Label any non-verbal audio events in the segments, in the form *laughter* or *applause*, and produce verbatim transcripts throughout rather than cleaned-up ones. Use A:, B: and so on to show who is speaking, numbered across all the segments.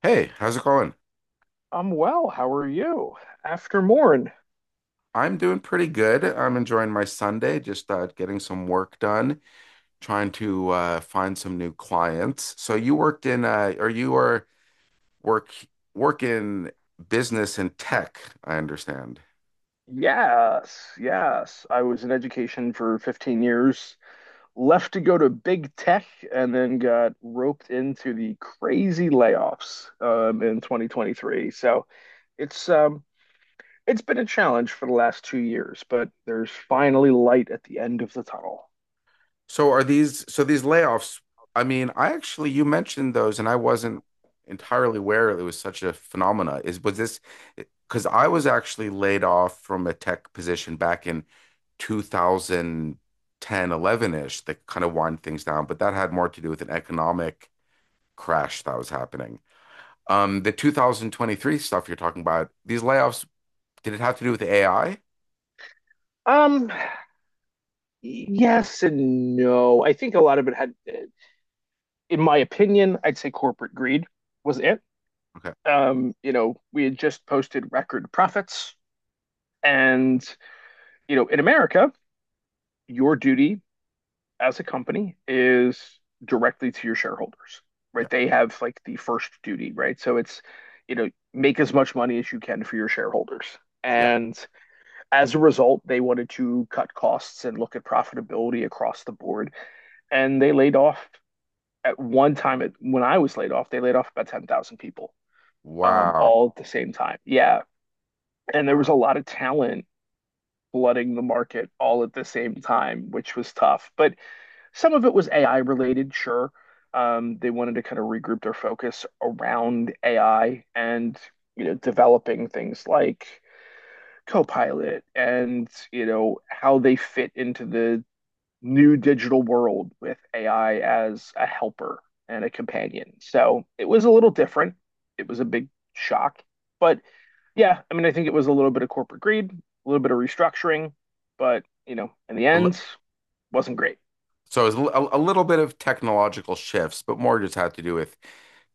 A: Hey, how's it going?
B: I'm well. How are you? After Morn.
A: I'm doing pretty good. I'm enjoying my Sunday, just uh, getting some work done, trying to uh, find some new clients. So you worked in, uh, or you are work work in business and tech, I understand.
B: Yes, yes. I was in education for fifteen years, left to go to big tech, and then got roped into the crazy layoffs um, in twenty twenty-three. So it's um it's been a challenge for the last two years, but there's finally light at the end of the tunnel.
A: So are these so these layoffs? I mean, I actually you mentioned those, and I wasn't entirely aware it was such a phenomena. Is Was this because I was actually laid off from a tech position back in two thousand ten, eleven ish? That kind of wind things down, but that had more to do with an economic crash that was happening. Um, the two thousand twenty-three stuff you're talking about, these layoffs, did it have to do with A I?
B: Um, yes and no. I think a lot of it had, in my opinion, I'd say corporate greed was it.
A: Okay.
B: Um, you know, we had just posted record profits, and you know, in America, your duty as a company is directly to your shareholders,
A: Yeah.
B: right? They have like the first duty, right? So it's, you know, make as much money as you can for your shareholders.
A: Yeah.
B: And as a result, they wanted to cut costs and look at profitability across the board. And they laid off at one time, at, when I was laid off, they laid off about ten thousand people um,
A: Wow.
B: all at the same time. Yeah. And there was a
A: Wow.
B: lot of talent flooding the market all at the same time, which was tough. But some of it was A I related, sure. Um, they wanted to kind of regroup their focus around A I and, you know, developing things like Copilot and, you know, how they fit into the new digital world with A I as a helper and a companion. So it was a little different. It was a big shock. But yeah, I mean, I think it was a little bit of corporate greed, a little bit of restructuring, but, you know, in the
A: A li-
B: end, wasn't great.
A: So it was a, a little bit of technological shifts, but more just had to do with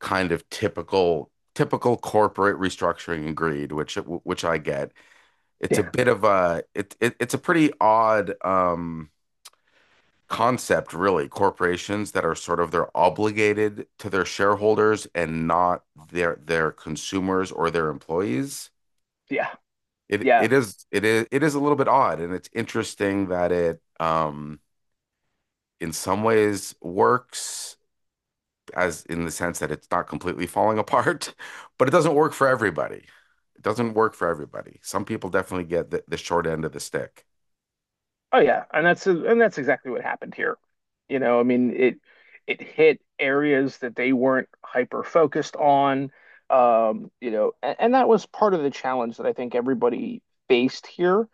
A: kind of typical typical corporate restructuring and greed, which which I get. It's a
B: Yeah,
A: bit of a it, it it's a pretty odd um, concept, really. Corporations that are sort of they're obligated to their shareholders and not their their consumers or their employees.
B: yeah,
A: It
B: yeah.
A: it is it is it is a little bit odd, and it's interesting that it um, in some ways works, as in the sense that it's not completely falling *laughs* apart, but it doesn't work for everybody. It doesn't work for everybody. Some people definitely get the, the short end of the stick.
B: Oh yeah, and that's and that's exactly what happened here. You know, I mean it it hit areas that they weren't hyper focused on. Um, you know, and, and that was part of the challenge that I think everybody faced here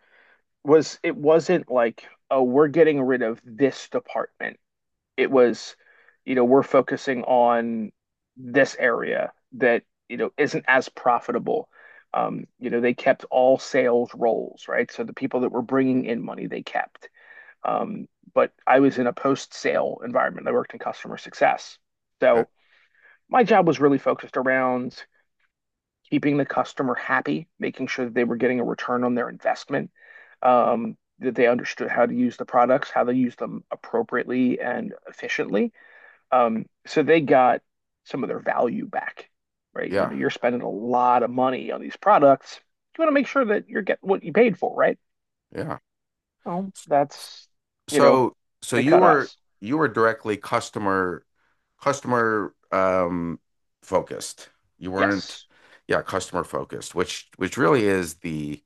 B: was it wasn't like, oh, we're getting rid of this department. It was, you know, we're focusing on this area that, you know, isn't as profitable. Um, you know, they kept all sales roles, right? So the people that were bringing in money, they kept, um, but I was in a post-sale environment. I worked in customer success.
A: Yeah,
B: So my job was really focused around keeping the customer happy, making sure that they were getting a return on their investment, um, that they understood how to use the products, how they use them appropriately and efficiently. Um, so they got some of their value back, right? You
A: yeah,
B: know, you're spending a lot of money on these products. You want to make sure that you're getting what you paid for, right?
A: yeah.
B: Well, that's, you know,
A: So, so
B: they
A: you
B: cut
A: were
B: us.
A: you were directly customer customer um focused. You weren't,
B: Yes.
A: yeah, customer focused, which which really is the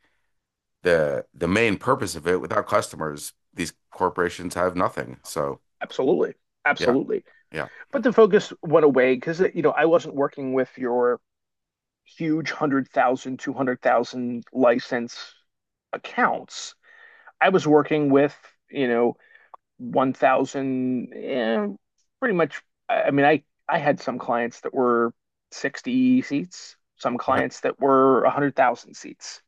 A: the the main purpose of it. Without customers, these corporations have nothing. So,
B: Absolutely.
A: yeah,
B: Absolutely.
A: yeah.
B: But the focus went away because, you know, I wasn't working with your huge one hundred thousand, two hundred thousand license accounts. I was working with, you know, one thousand, eh, pretty much. I I mean, I, I had some clients that were sixty seats, some
A: Okay.
B: clients that were one hundred thousand seats.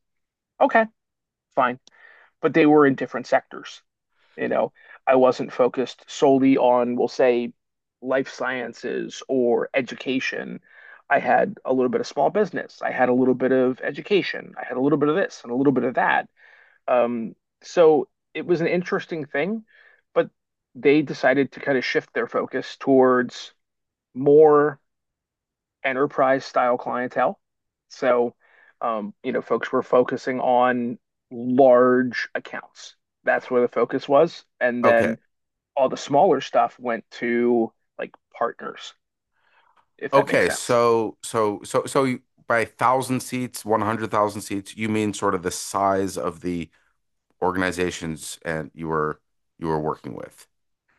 B: Okay, fine. But they were in different sectors. You know, I wasn't focused solely on, we'll say, life sciences or education. I had a little bit of small business. I had a little bit of education. I had a little bit of this and a little bit of that. Um, so it was an interesting thing, but they decided to kind of shift their focus towards more enterprise style clientele. So, um, you know, folks were focusing on large accounts. That's where the focus was. And
A: Okay.
B: then all the smaller stuff went to like partners, if that makes
A: Okay,
B: sense.
A: so so so so you, by thousand seats, one hundred thousand seats, you mean sort of the size of the organizations, and you were you were working with.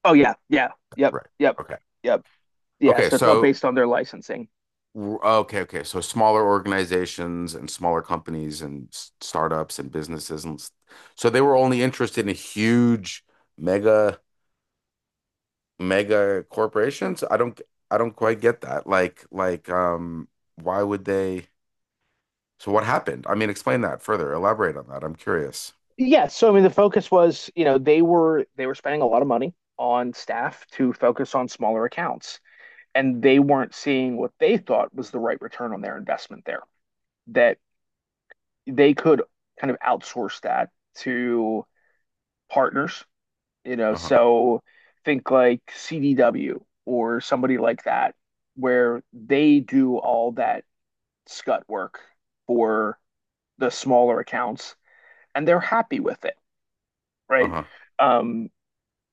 B: Oh yeah, yeah, yep,
A: Right.
B: yep,
A: Okay.
B: yep. Yeah,
A: Okay,
B: so it's all
A: so
B: based on their licensing.
A: w- okay, okay. So smaller organizations and smaller companies and s- startups and businesses, and s- so they were only interested in huge mega mega corporations. I don't I don't quite get that. Like like um why would they So what happened? I mean, explain that further. Elaborate on that. I'm curious.
B: Yeah. So I mean, the focus was, you know, they were they were spending a lot of money on staff to focus on smaller accounts, and they weren't seeing what they thought was the right return on their investment there. That they could kind of outsource that to partners, you know,
A: Uh-huh.
B: so think like C D W or somebody like that, where they do all that scut work for the smaller accounts and they're happy with it, right?
A: Uh-huh.
B: Um,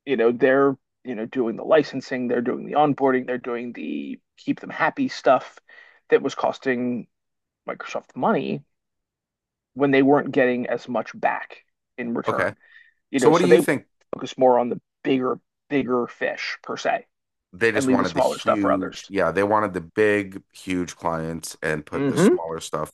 B: you know, they're, you know, doing the licensing, they're doing the onboarding, they're doing the keep them happy stuff that was costing Microsoft money when they weren't getting as much back in
A: Okay.
B: return. You
A: So
B: know,
A: what do
B: so
A: you
B: they
A: think?
B: focus more on the bigger, bigger fish per se
A: They
B: and
A: just
B: leave the
A: wanted the
B: smaller stuff for others.
A: huge, yeah, they wanted the big, huge clients, and put the
B: Mm-hmm.
A: smaller stuff,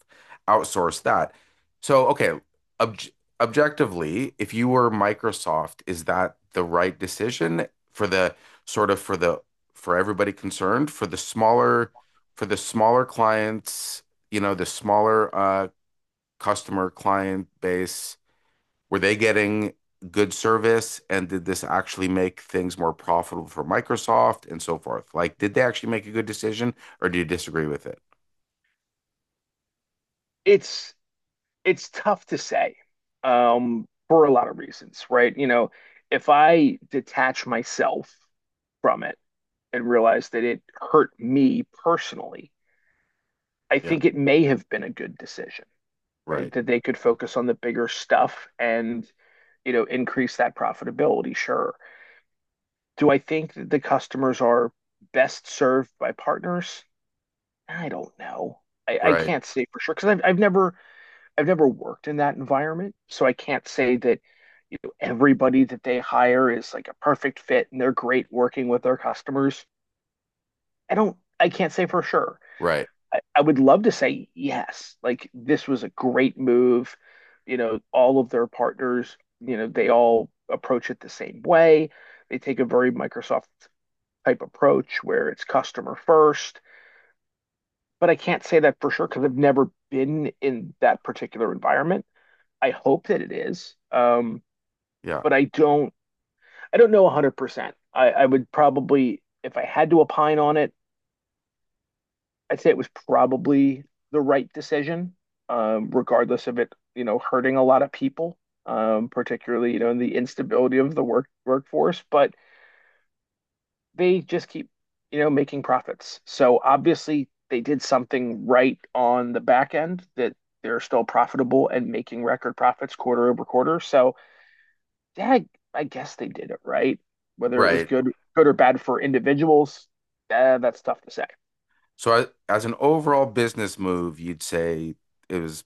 A: outsource that. So, okay, obj objectively, if you were Microsoft, is that the right decision for the sort of for the for everybody concerned, for the smaller for the smaller clients, you know, the smaller uh customer client base? Were they getting good service? And did this actually make things more profitable for Microsoft and so forth? Like, did they actually make a good decision, or do you disagree with it?
B: It's it's tough to say, um, for a lot of reasons, right? You know, if I detach myself from it and realize that it hurt me personally, I
A: Yeah.
B: think it may have been a good decision, right?
A: Right.
B: That they could focus on the bigger stuff and you know increase that profitability. Sure. Do I think that the customers are best served by partners? I don't know. I, I
A: Right.
B: can't say for sure because I've I've never I've never worked in that environment, so I can't say that you know everybody that they hire is like a perfect fit and they're great working with their customers. I don't I can't say for sure.
A: Right.
B: I, I would love to say yes, like this was a great move. You know, all of their partners, you know, they all approach it the same way. They take a very Microsoft type approach where it's customer first, but I can't say that for sure because I've never been in that particular environment. I hope that it is. Um,
A: Yeah.
B: but I don't I don't know one hundred percent. I, I would probably, if I had to opine on it, I'd say it was probably the right decision, um, regardless of it, you know, hurting a lot of people, um, particularly, you know, in the instability of the work workforce. But they just keep, you know, making profits. So obviously they did something right on the back end that they're still profitable and making record profits quarter over quarter. So yeah, I, I guess they did it right. Whether it was
A: Right.
B: good, good or bad for individuals, eh, that's tough to say.
A: So, I, as an overall business move, you'd say it was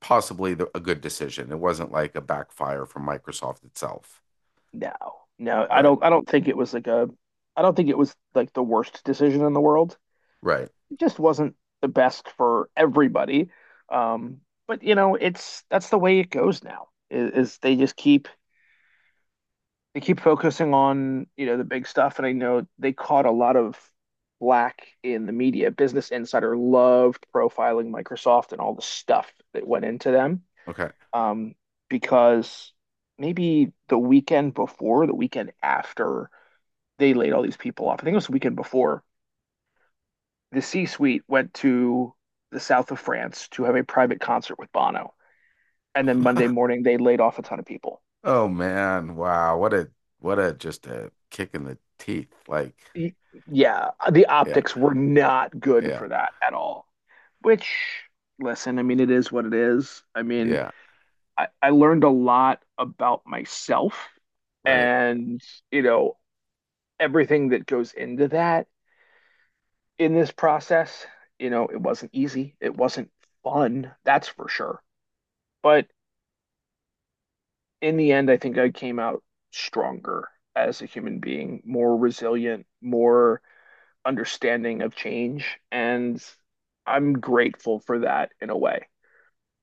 A: possibly the, a good decision. It wasn't like a backfire from Microsoft itself.
B: No, no, I
A: Right.
B: don't. I don't think it was like a. I don't think it was like the worst decision in the world.
A: Right.
B: It just wasn't the best for everybody. Um, but you know, it's that's the way it goes now. Is, is they just keep they keep focusing on, you know, the big stuff. And I know they caught a lot of black in the media. Business Insider loved profiling Microsoft and all the stuff that went into them.
A: Okay.
B: Um, because maybe the weekend before, the weekend after they laid all these people off, I think it was the weekend before, the C-suite went to the south of France to have a private concert with Bono. And then Monday
A: *laughs*
B: morning, they laid off a ton of people.
A: Oh man, wow. What a what a just a kick in the teeth. Like,
B: Yeah, the
A: yeah,
B: optics were not good
A: yeah,
B: for that at all. Which, listen, I mean, it is what it is. I mean,
A: yeah.
B: I, I learned a lot about myself
A: Right.
B: and, you know, everything that goes into that in this process. You know, it wasn't easy. It wasn't fun, that's for sure. But in the end, I think I came out stronger as a human being, more resilient, more understanding of change. And I'm grateful for that in a way.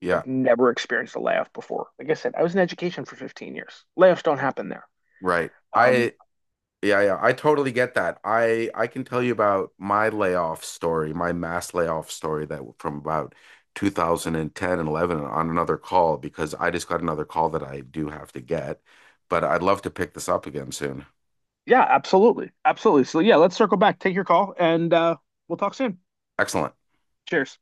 A: Yeah.
B: I've never experienced a layoff before. Like I said, I was in education for fifteen years. Layoffs don't happen there.
A: Right.
B: Um,
A: I Yeah, yeah. I totally get that. I I can tell you about my layoff story, my mass layoff story, that from about two thousand ten and eleven, on another call, because I just got another call that I do have to get, but I'd love to pick this up again soon.
B: yeah, absolutely. Absolutely. So, yeah, let's circle back. Take your call and uh, we'll talk soon.
A: Excellent.
B: Cheers.